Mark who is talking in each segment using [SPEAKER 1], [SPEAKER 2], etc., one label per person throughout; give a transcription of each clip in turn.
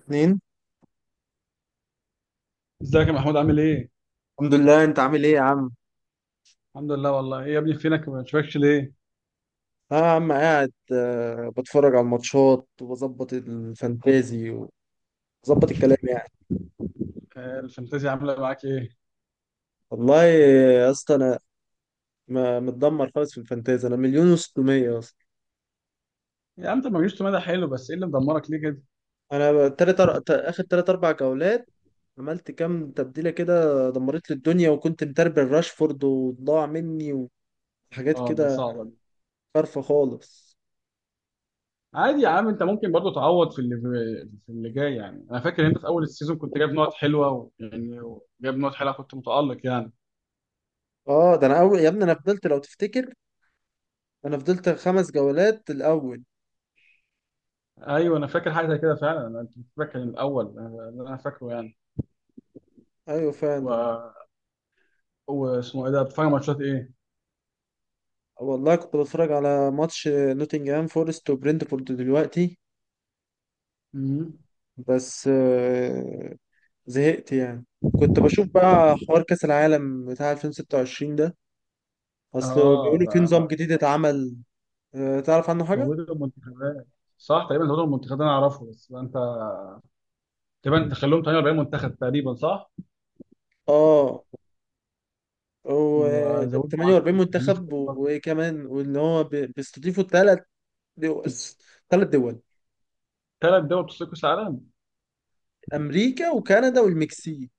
[SPEAKER 1] اتنين.
[SPEAKER 2] ازيك يا محمود عامل ايه؟
[SPEAKER 1] الحمد لله، انت عامل ايه يا عم؟
[SPEAKER 2] الحمد لله والله ايه يا ابني فينك ما بشوفكش ليه؟
[SPEAKER 1] اه يا عم، قاعد بتفرج على الماتشات وبظبط الفانتازي وبظبط الكلام يعني.
[SPEAKER 2] الفانتازيا عامله معاك ايه؟
[SPEAKER 1] والله يا اسطى، انا متدمر خالص في الفانتازي، انا مليون و600 اصلا.
[SPEAKER 2] يا عم انت ما جبتش مدى حلو بس ايه اللي مدمرك ليه كده؟
[SPEAKER 1] انا اخر تلات اربع جولات عملت كام تبديلة كده، دمرت لي الدنيا، وكنت متربل راشفورد وضاع مني وحاجات
[SPEAKER 2] اه دي
[SPEAKER 1] كده،
[SPEAKER 2] صعبه دي.
[SPEAKER 1] خارفة خالص.
[SPEAKER 2] عادي يا عم انت ممكن برضو تعوض في اللي في اللي جاي، يعني انا فاكر انت في اول السيزون كنت جايب نقط حلوه جايب نقط حلوه، كنت متالق يعني.
[SPEAKER 1] اه، ده انا اول يا ابني، انا فضلت لو تفتكر، انا فضلت خمس جولات الاول.
[SPEAKER 2] ايوه انا فاكر حاجه زي كده فعلا، انا انت فاكر من الاول، اللي انا فاكره يعني.
[SPEAKER 1] ايوه فعلا.
[SPEAKER 2] و... واسمه ايه ده بتتفرج على ماتشات ايه؟
[SPEAKER 1] والله كنت بتفرج على ماتش نوتنجهام فورست وبرنتفورد دلوقتي.
[SPEAKER 2] مم.
[SPEAKER 1] بس زهقت يعني. كنت بشوف بقى حوار كأس العالم بتاع 2026 ده، اصل
[SPEAKER 2] اه
[SPEAKER 1] بيقولوا في
[SPEAKER 2] ده
[SPEAKER 1] نظام جديد اتعمل. تعرف عنه حاجة؟
[SPEAKER 2] زودوا المنتخبات، صح تقريبا، زودوا المنتخبات انا اعرفه، بس انت تقريبا تخلوهم 48 منتخب تقريبا صح.
[SPEAKER 1] اه، هو
[SPEAKER 2] وزودوا عدد
[SPEAKER 1] 48
[SPEAKER 2] المحللين في
[SPEAKER 1] منتخب،
[SPEAKER 2] كل قاره.
[SPEAKER 1] وكمان وان هو بيستضيفوا ثلاث دول ثلاث دول،
[SPEAKER 2] ثلاث دول بتصير كاس عالم،
[SPEAKER 1] امريكا وكندا والمكسيك.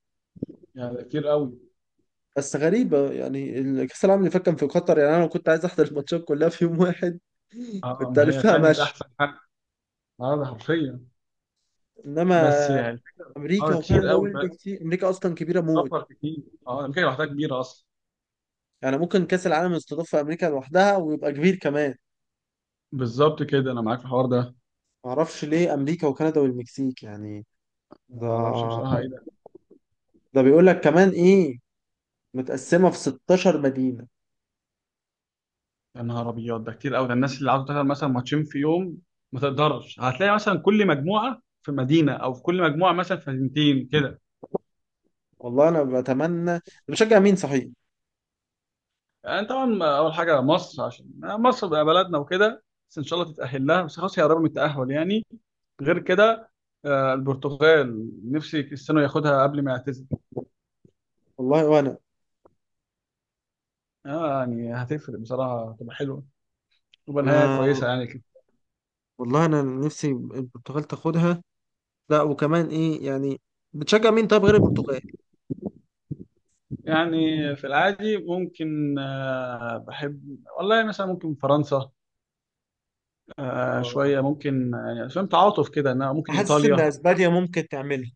[SPEAKER 2] يعني ده كتير قوي.
[SPEAKER 1] بس غريبة يعني، كأس العالم اللي فات كان في قطر، يعني انا لو كنت عايز احضر الماتشات كلها في يوم واحد
[SPEAKER 2] اه
[SPEAKER 1] كنت
[SPEAKER 2] ما هي
[SPEAKER 1] ألفها
[SPEAKER 2] فعلا دي كانت
[SPEAKER 1] ماشي.
[SPEAKER 2] احسن حاجه، عدد حرفيا. بس
[SPEAKER 1] إنما
[SPEAKER 2] يعني
[SPEAKER 1] أمريكا
[SPEAKER 2] اه كتير
[SPEAKER 1] وكندا
[SPEAKER 2] قوي
[SPEAKER 1] أول
[SPEAKER 2] بقى،
[SPEAKER 1] بكتير، أمريكا أصلا كبيرة موت.
[SPEAKER 2] سفر كتير. اه امريكا لوحدها كبيره اصلا.
[SPEAKER 1] يعني ممكن كأس العالم يستضاف في أمريكا لوحدها ويبقى كبير كمان.
[SPEAKER 2] بالظبط كده، انا معاك في الحوار ده.
[SPEAKER 1] معرفش ليه أمريكا وكندا والمكسيك يعني.
[SPEAKER 2] ما
[SPEAKER 1] ده
[SPEAKER 2] اعرفش بصراحه ايه ده.
[SPEAKER 1] ده بيقول لك كمان إيه، متقسمة في 16 مدينة.
[SPEAKER 2] يا نهار ابيض، ده كتير قوي، ده الناس اللي عاوزه تلعب مثلا ماتشين في يوم ما تقدرش، هتلاقي مثلا كل مجموعه في مدينه، او في كل مجموعه مثلا في مدينتين كده.
[SPEAKER 1] والله أنا بتمنى، أنا بشجع مين صحيح؟
[SPEAKER 2] يعني طبعا اول حاجه مصر، عشان مصر بقى بلدنا وكده، بس ان شاء الله تتاهل لها، بس خلاص هي قربت من التاهل يعني. غير كده، البرتغال، نفسي كريستيانو ياخدها قبل ما يعتزل.
[SPEAKER 1] والله وأنا
[SPEAKER 2] يعني هتفرق بصراحه، هتبقى حلوه، تبقى نهايه
[SPEAKER 1] أنا
[SPEAKER 2] كويسه يعني كده.
[SPEAKER 1] والله أنا نفسي البرتغال تاخدها. لا، وكمان إيه يعني، بتشجع مين طيب غير البرتغال؟
[SPEAKER 2] يعني في العادي ممكن، بحب والله مثلا ممكن فرنسا، شويه
[SPEAKER 1] آه.
[SPEAKER 2] ممكن يعني، فاهم تعاطف كده انها ممكن
[SPEAKER 1] حاسس إن
[SPEAKER 2] ايطاليا.
[SPEAKER 1] أسبانيا ممكن تعملها.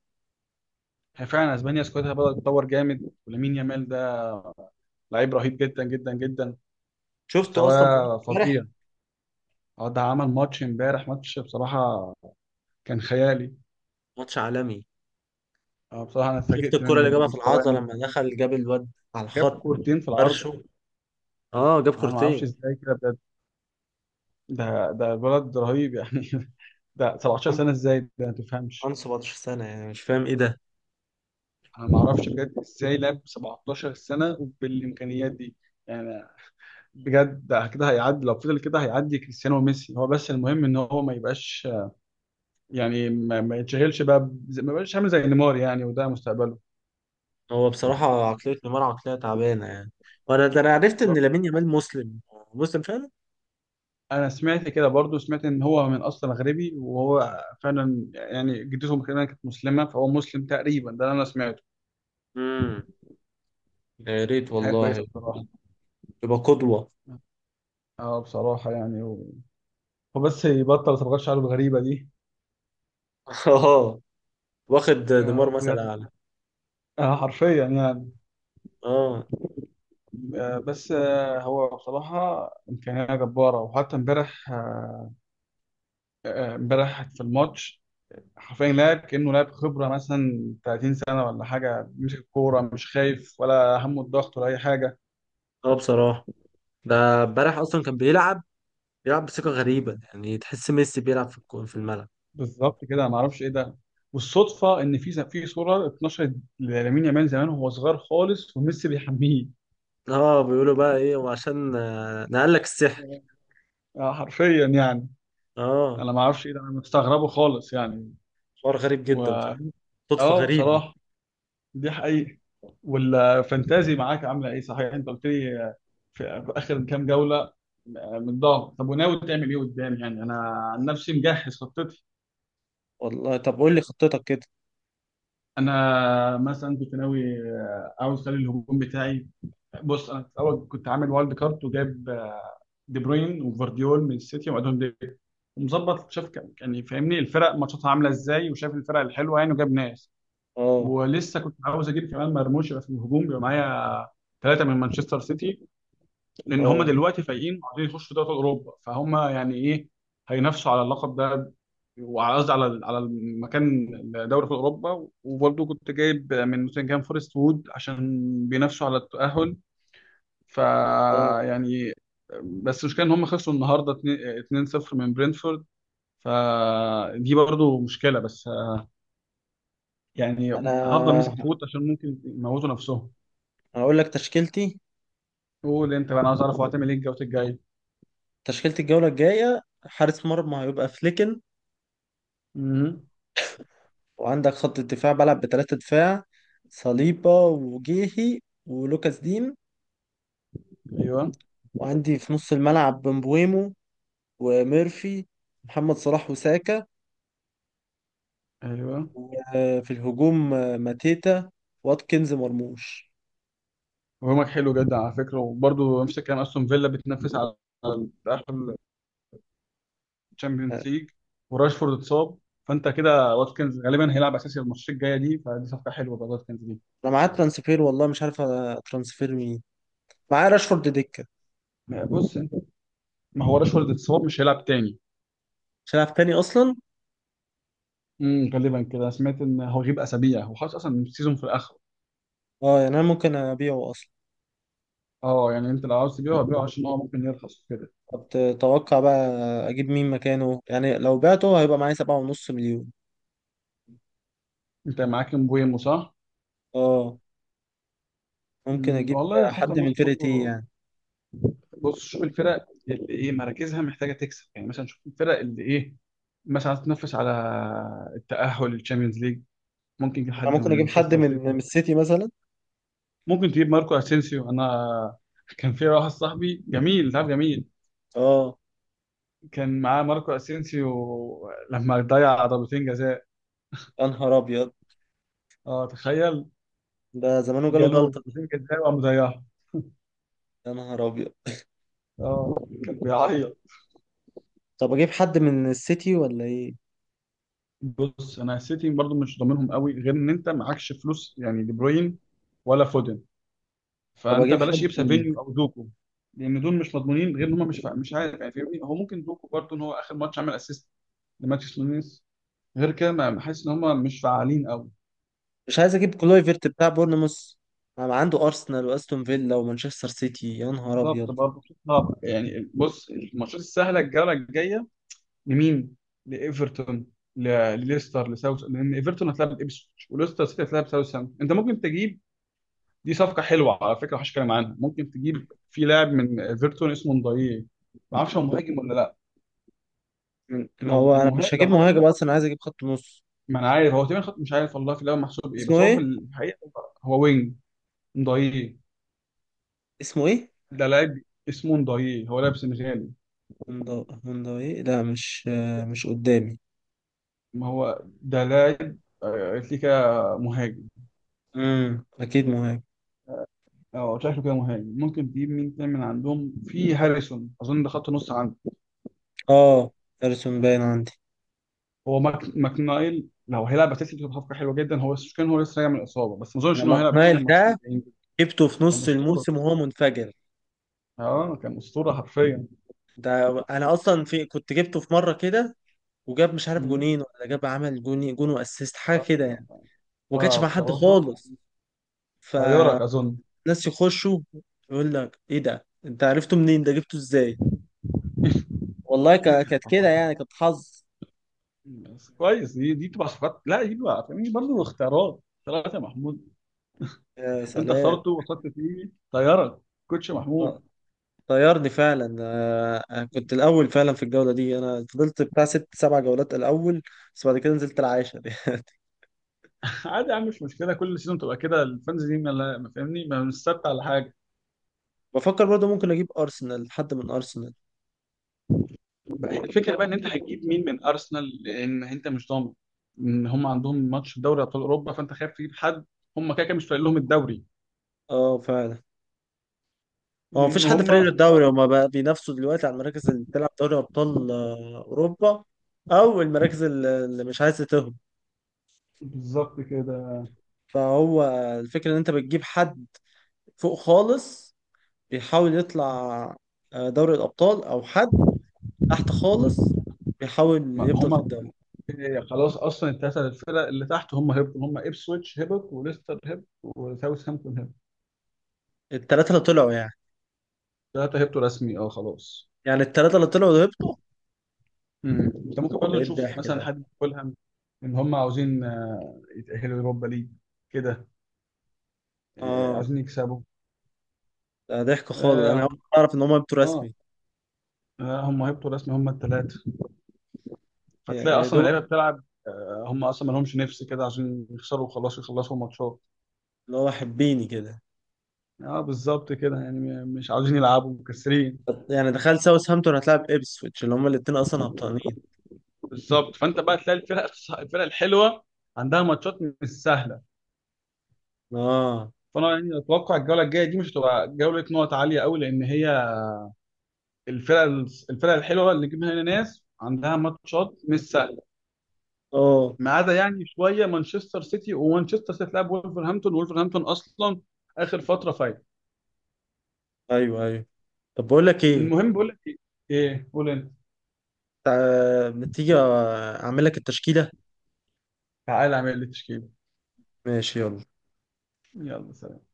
[SPEAKER 2] هي فعلا اسبانيا سكوادها بدأت تتطور جامد، ولامين يامال ده لعيب رهيب جدا جدا جدا،
[SPEAKER 1] شفته أصلا في
[SPEAKER 2] مستواه فظيع.
[SPEAKER 1] امبارح،
[SPEAKER 2] اه ده عمل ماتش امبارح، ماتش بصراحة كان خيالي.
[SPEAKER 1] ماتش عالمي.
[SPEAKER 2] اه بصراحة أنا
[SPEAKER 1] شفت
[SPEAKER 2] اتفاجئت
[SPEAKER 1] الكرة اللي
[SPEAKER 2] منه،
[SPEAKER 1] جابها
[SPEAKER 2] من
[SPEAKER 1] في
[SPEAKER 2] مستواه
[SPEAKER 1] العارضة
[SPEAKER 2] إنه
[SPEAKER 1] لما دخل، جاب الواد على
[SPEAKER 2] جاب
[SPEAKER 1] الخط،
[SPEAKER 2] كورتين في العارضة.
[SPEAKER 1] فرشه. اه، جاب
[SPEAKER 2] أنا ما أعرفش
[SPEAKER 1] كورتين.
[SPEAKER 2] إزاي كده بجد، ده الولد رهيب يعني ده 17
[SPEAKER 1] عنده
[SPEAKER 2] سنة إزاي، ده ما تفهمش.
[SPEAKER 1] عنده 17 سنة، يعني مش فاهم ايه ده.
[SPEAKER 2] أنا ما أعرفش بجد إزاي لعب 17 سنة بالإمكانيات دي يعني. بجد ده كده هيعدي، لو فضل كده هيعدي كريستيانو وميسي، هو بس المهم إن هو ما يبقاش، يعني ما يتشغلش بقى، ما يبقاش عامل زي نيمار يعني، وده مستقبله.
[SPEAKER 1] هو بصراحة عقلية نيمار عقلية تعبانة يعني. وانا ده، انا عرفت ان
[SPEAKER 2] بالظبط.
[SPEAKER 1] لامين يامال مسلم، مسلم فعلا.
[SPEAKER 2] انا سمعت كده برضو، سمعت ان هو من اصل مغربي، وهو فعلا يعني جدته كمان كانت مسلمه، فهو مسلم تقريبا، ده اللي انا سمعته.
[SPEAKER 1] امم يا ريت
[SPEAKER 2] دي حاجه كويسه
[SPEAKER 1] والله،
[SPEAKER 2] بصراحه.
[SPEAKER 1] يبقى قدوة.
[SPEAKER 2] اه بصراحه يعني وبس يبطل صبغات شعره الغريبه دي.
[SPEAKER 1] اه، واخد
[SPEAKER 2] آه
[SPEAKER 1] نيمار مثل
[SPEAKER 2] بجد،
[SPEAKER 1] اعلى.
[SPEAKER 2] آه حرفيا يعني.
[SPEAKER 1] اه،
[SPEAKER 2] آه، بس آه هو بصراحه امكانيه جباره، وحتى امبارح، امبارح في الماتش حرفيا لاعب كانه لاعب خبره مثلا 30 سنه ولا حاجه، بيمسك الكوره مش خايف ولا همه الضغط ولا اي حاجه.
[SPEAKER 1] اه، بصراحة، ده امبارح اصلا كان بيلعب بثقة غريبة، يعني تحس ميسي بيلعب في في الملعب.
[SPEAKER 2] بالظبط كده، انا ما اعرفش ايه ده. والصدفه ان في صوره اتنشرت لامين يامال زمان وهو صغير خالص وميسي بيحميه.
[SPEAKER 1] اه، بيقولوا بقى ايه، وعشان نقلك السحر.
[SPEAKER 2] حرفيا يعني.
[SPEAKER 1] اه،
[SPEAKER 2] انا ما اعرفش ايه ده، انا مستغربه خالص يعني.
[SPEAKER 1] حوار غريب
[SPEAKER 2] و
[SPEAKER 1] جدا فعلا، صدفة
[SPEAKER 2] اه
[SPEAKER 1] غريبة.
[SPEAKER 2] بصراحه دي حقيقه. والفانتازي معاك عامله ايه صحيح، انت قلت لي في اخر كام جوله متضايق. طب وناوي تعمل ايه قدام؟ يعني انا عن نفسي مجهز خطتي.
[SPEAKER 1] والله طب قول لي خطتك كده.
[SPEAKER 2] انا مثلا كنت ناوي، عاوز اخلي الهجوم بتاعي. بص انا في الاول كنت عامل وايلد كارت، وجايب دي بروين وفارديول من السيتي وادون دي، ومظبط شاف يعني فاهمني الفرق ماتشاتها عامله ازاي، وشاف الفرق الحلوه يعني، وجاب ناس.
[SPEAKER 1] اه،
[SPEAKER 2] ولسه كنت عاوز اجيب كمان مرموش يبقى في الهجوم، يبقى معايا ثلاثه من مانشستر سيتي، لان هم
[SPEAKER 1] اه،
[SPEAKER 2] دلوقتي فايقين وعايزين يخشوا في دوري اوروبا، فهم يعني ايه هينافسوا على اللقب ده، وعلى قصدي على على المكان، دوري في اوروبا. وبرضه كنت جايب من نوتنجهام فورست وود، عشان بينافسوا على التاهل. ف
[SPEAKER 1] اه،
[SPEAKER 2] يعني، بس المشكله ان هم خسروا النهارده 2-0 من برينفورد، فدي برضو مشكله. بس يعني هفضل
[SPEAKER 1] انا
[SPEAKER 2] ماسك في ووت، عشان ممكن يموتوا نفسهم.
[SPEAKER 1] هقول لك تشكيلتي.
[SPEAKER 2] قول انت بقى، انا عايز اعرف هو هتعمل ايه الجوله الجايه.
[SPEAKER 1] تشكيلة الجولة الجاية: حارس مرمى هيبقى فليكن،
[SPEAKER 2] امم،
[SPEAKER 1] وعندك خط الدفاع بلعب بثلاثة دفاع، صليبة وجيهي ولوكاس دين.
[SPEAKER 2] ايوه،
[SPEAKER 1] وعندي في نص الملعب بمبويمو وميرفي، محمد صلاح وساكا.
[SPEAKER 2] ايوه.
[SPEAKER 1] وفي الهجوم ماتيتا واتكنز مرموش.
[SPEAKER 2] هجومك حلو جدا على فكره، وبرضو نفس الكلام، استون فيلا بتنافس على تاهل الشامبيونز ليج، وراشفورد اتصاب، فانت كده واتكنز غالبا هيلعب اساسي الماتشات الجايه دي، فدي صفقه حلوه بقى واتكنز دي.
[SPEAKER 1] انا معاه ترانسفير، والله مش عارف ترانسفير مين. معاه راشفورد دكة،
[SPEAKER 2] بص انت، ما هو راشفورد اتصاب مش هيلعب تاني.
[SPEAKER 1] مش هيلعب تاني اصلا.
[SPEAKER 2] غالبا كده، أنا سمعت ان هو غيب اسابيع، هو خلاص اصلا السيزون في الاخر.
[SPEAKER 1] اه يعني انا ممكن ابيعه اصلا.
[SPEAKER 2] اه يعني انت لو عاوز تبيعه، هبيعه عشان هو ممكن يرخص كده.
[SPEAKER 1] طب تتوقع بقى اجيب مين مكانه يعني؟ لو بعته هيبقى معايا 7.5 مليون.
[SPEAKER 2] انت معاك مبويمو صح؟
[SPEAKER 1] اه، ممكن
[SPEAKER 2] امم،
[SPEAKER 1] اجيب
[SPEAKER 2] والله خط
[SPEAKER 1] حد من
[SPEAKER 2] النص
[SPEAKER 1] فرقتي
[SPEAKER 2] برضه.
[SPEAKER 1] يعني.
[SPEAKER 2] بص شوف الفرق اللي ايه مراكزها محتاجه تكسب، يعني مثلا شوف الفرق اللي ايه، مثلا عايز تنافس على التاهل للتشامبيونز ليج، ممكن تجيب
[SPEAKER 1] انا
[SPEAKER 2] حد
[SPEAKER 1] ممكن
[SPEAKER 2] من
[SPEAKER 1] اجيب حد
[SPEAKER 2] مانشستر
[SPEAKER 1] من
[SPEAKER 2] سيتي.
[SPEAKER 1] السيتي مثلا.
[SPEAKER 2] ممكن تجيب ماركو اسينسيو. انا كان في واحد صاحبي جميل، تعرف جميل،
[SPEAKER 1] اه،
[SPEAKER 2] كان معاه ماركو اسينسيو لما ضيع ضربتين جزاء.
[SPEAKER 1] يا نهار ابيض،
[SPEAKER 2] اه تخيل،
[SPEAKER 1] ده زمانه جاله
[SPEAKER 2] جاله
[SPEAKER 1] جلطة.
[SPEAKER 2] نتيجه ازاي وقام زيها.
[SPEAKER 1] يا نهار ابيض،
[SPEAKER 2] اه كان بيعيط.
[SPEAKER 1] طب اجيب حد من السيتي ولا ايه؟
[SPEAKER 2] بص انا السيتي برضو مش ضامنهم قوي، غير ان انت معكش فلوس يعني دي بروين ولا فودن،
[SPEAKER 1] طب
[SPEAKER 2] فانت
[SPEAKER 1] اجيب
[SPEAKER 2] بلاش
[SPEAKER 1] حد،
[SPEAKER 2] تجيب سافينيو او دوكو، لان دول مش مضمونين، غير ان هم مش عارف يعني، فاهمني هو ممكن دوكو برضو ان هو اخر ماتش عمل اسيست لماتش نونيز، غير كده ما حاسس ان هم مش فعالين قوي.
[SPEAKER 1] مش عايز اجيب كلويفرت بتاع بورنموث، ما عنده ارسنال واستون فيلا ومانشستر سيتي، يا نهار ابيض.
[SPEAKER 2] بالظبط برضه. صعب يعني. بص الماتشات السهله الجوله الجايه لمين؟ لايفرتون، ل- لليستر، لساوث، لان ايفرتون هتلعب ابسويتش وليستر سيتي هتلعب ساوثهامبتون. انت ممكن تجيب، دي صفقه حلوه على فكره محدش كلام عنها، ممكن تجيب في لاعب من ايفرتون اسمه نضاييه، ما اعرفش هو مهاجم ولا لا.
[SPEAKER 1] ما هو انا مش
[SPEAKER 2] لو
[SPEAKER 1] هجيب
[SPEAKER 2] خط
[SPEAKER 1] مهاجم
[SPEAKER 2] مين،
[SPEAKER 1] اصلا، انا عايز اجيب خط نص.
[SPEAKER 2] ما انا عارف هو تقريبا خط، مش عارف والله في الاول محسوب ايه،
[SPEAKER 1] اسمه
[SPEAKER 2] بس هو في
[SPEAKER 1] ايه؟
[SPEAKER 2] الحقيقه هو وينج. نضاييه،
[SPEAKER 1] اسمه ايه؟
[SPEAKER 2] ده لاعب اسمه نضاييه، هو لاعب سنغالي.
[SPEAKER 1] هوندا، هوندا ايه؟ لا مش مش قدامي.
[SPEAKER 2] ما هو ده لاعب، قلت لي كده مهاجم.
[SPEAKER 1] اكيد مهاجم.
[SPEAKER 2] اه شكله كده مهاجم. ممكن تجيب مين تاني من عندهم، في هاريسون اظن ده خط نص عنده.
[SPEAKER 1] اه، ارسون باين عندي.
[SPEAKER 2] هو ماك ماكنايل لو هيلعب اساسي بتبقى صفقه حلوه جدا، هو كان هو لسه راجع من الاصابه، بس ما اظنش
[SPEAKER 1] انا
[SPEAKER 2] ان هو هيلعب اساسي
[SPEAKER 1] ماكنايل
[SPEAKER 2] الماتشين
[SPEAKER 1] ده
[SPEAKER 2] الجايين دول.
[SPEAKER 1] جبته في
[SPEAKER 2] كان
[SPEAKER 1] نص
[SPEAKER 2] اسطوره،
[SPEAKER 1] الموسم وهو منفجر.
[SPEAKER 2] اه كان اسطوره حرفيا.
[SPEAKER 1] ده انا اصلا في كنت جبته في مره كده، وجاب مش عارف
[SPEAKER 2] مم.
[SPEAKER 1] جونين، ولا جاب عمل جوني جون واسيست حاجه كده يعني،
[SPEAKER 2] آه،
[SPEAKER 1] وما كانش
[SPEAKER 2] آه،
[SPEAKER 1] مع حد
[SPEAKER 2] بصراحه
[SPEAKER 1] خالص. ف
[SPEAKER 2] طيارك اظن.
[SPEAKER 1] ناس يخشوا، يقول لك ايه ده، انت عرفته منين، ده جبته ازاي؟ والله كانت كده
[SPEAKER 2] آه،
[SPEAKER 1] يعني، كانت حظ.
[SPEAKER 2] بس كويس، دي بتبقى صفقات، لا دي بقى فاهمني برضه اختيارات، اختيارات يا محمود.
[SPEAKER 1] يا
[SPEAKER 2] انت
[SPEAKER 1] سلام.
[SPEAKER 2] اخترته وصلت فيه طيارك، كوتش
[SPEAKER 1] آه،
[SPEAKER 2] محمود.
[SPEAKER 1] طيرني فعلا، أنا كنت الاول فعلا في الجوله دي، انا فضلت بتاع ست سبع جولات الاول، بس بعد كده نزلت العاشر يعني.
[SPEAKER 2] عادي يا عم مش مشكله، كل سيزون تبقى كده الفانز دي ما فاهمني، ما مش ثابته على حاجه.
[SPEAKER 1] بفكر برضه ممكن اجيب ارسنال، حد من ارسنال.
[SPEAKER 2] الفكره بقى ان انت هتجيب مين من ارسنال، لان انت مش ضامن ان هم عندهم ماتش في دوري ابطال اوروبا، فانت خايف تجيب حد، هم كده كده مش فارق لهم الدوري،
[SPEAKER 1] اه فعلا. هو
[SPEAKER 2] لان
[SPEAKER 1] مفيش حد فريق
[SPEAKER 2] هم
[SPEAKER 1] الدوري، هما بقى بينافسوا دلوقتي على المراكز اللي بتلعب دوري ابطال اوروبا، او المراكز اللي مش عايزه تهبط.
[SPEAKER 2] بالظبط كده.
[SPEAKER 1] فهو الفكرة ان انت بتجيب حد فوق خالص بيحاول يطلع دوري الأبطال، أو حد تحت خالص بيحاول
[SPEAKER 2] ما
[SPEAKER 1] يفضل في
[SPEAKER 2] هم
[SPEAKER 1] الدوري.
[SPEAKER 2] خلاص اصلا الثلاثه الفرق اللي تحت هم هبطوا، هم ابسويتش هبط وليستر هبط وساوثهامبتون هبط.
[SPEAKER 1] التلاتة اللي طلعوا يعني،
[SPEAKER 2] ثلاثه هبطوا رسمي، اه خلاص.
[SPEAKER 1] التلاتة اللي طلعوا وهبطوا.
[SPEAKER 2] مم. انت ممكن
[SPEAKER 1] ايه
[SPEAKER 2] برضه تشوف
[SPEAKER 1] الضحك
[SPEAKER 2] مثلا
[SPEAKER 1] ده؟
[SPEAKER 2] حد فولهام، ان هم عاوزين يتاهلوا يوروبا ليج كده،
[SPEAKER 1] اه،
[SPEAKER 2] عايزين يكسبوا.
[SPEAKER 1] ده ضحك خالص، انا أول
[SPEAKER 2] اه
[SPEAKER 1] مرة اعرف ان هم هبطوا
[SPEAKER 2] اه،
[SPEAKER 1] رسمي.
[SPEAKER 2] هم هيبطوا رسمي هم الثلاثه،
[SPEAKER 1] يا
[SPEAKER 2] فتلاقي
[SPEAKER 1] يا
[SPEAKER 2] اصلا
[SPEAKER 1] دوب
[SPEAKER 2] اللعيبه بتلعب، هم اصلا ما لهمش نفس كده، عشان يخسروا وخلاص يخلصوا الماتشات.
[SPEAKER 1] اللي هو حبيني كده،
[SPEAKER 2] اه بالظبط كده يعني، مش عاوزين يلعبوا مكسرين.
[SPEAKER 1] يعني دخلت ساوثهامبتون هتلعب ابسويتش اللي هم الاتنين اصلا هبطانين.
[SPEAKER 2] بالظبط. فانت بقى تلاقي الفرق الفرق الحلوه عندها ماتشات مش سهله،
[SPEAKER 1] اه،
[SPEAKER 2] فانا يعني اتوقع الجوله الجايه دي مش هتبقى جوله نقط عاليه قوي، لان هي الفرق، الفرق الحلوه اللي جبنا هنا ناس عندها ماتشات مش سهله،
[SPEAKER 1] اه،
[SPEAKER 2] ما عدا يعني شويه مانشستر سيتي، ومانشستر سيتي تلعب ولفرهامبتون، وولفرهامبتون اصلا اخر فتره فايت.
[SPEAKER 1] ايوه، ايوه. طب بقول لك ايه،
[SPEAKER 2] المهم بقول لك ايه، ايه قول انت.
[SPEAKER 1] ما تيجي اعمل لك التشكيلة.
[SPEAKER 2] تعالى اعمل لي تشكيله.
[SPEAKER 1] ماشي، يلا.
[SPEAKER 2] يلا سلام.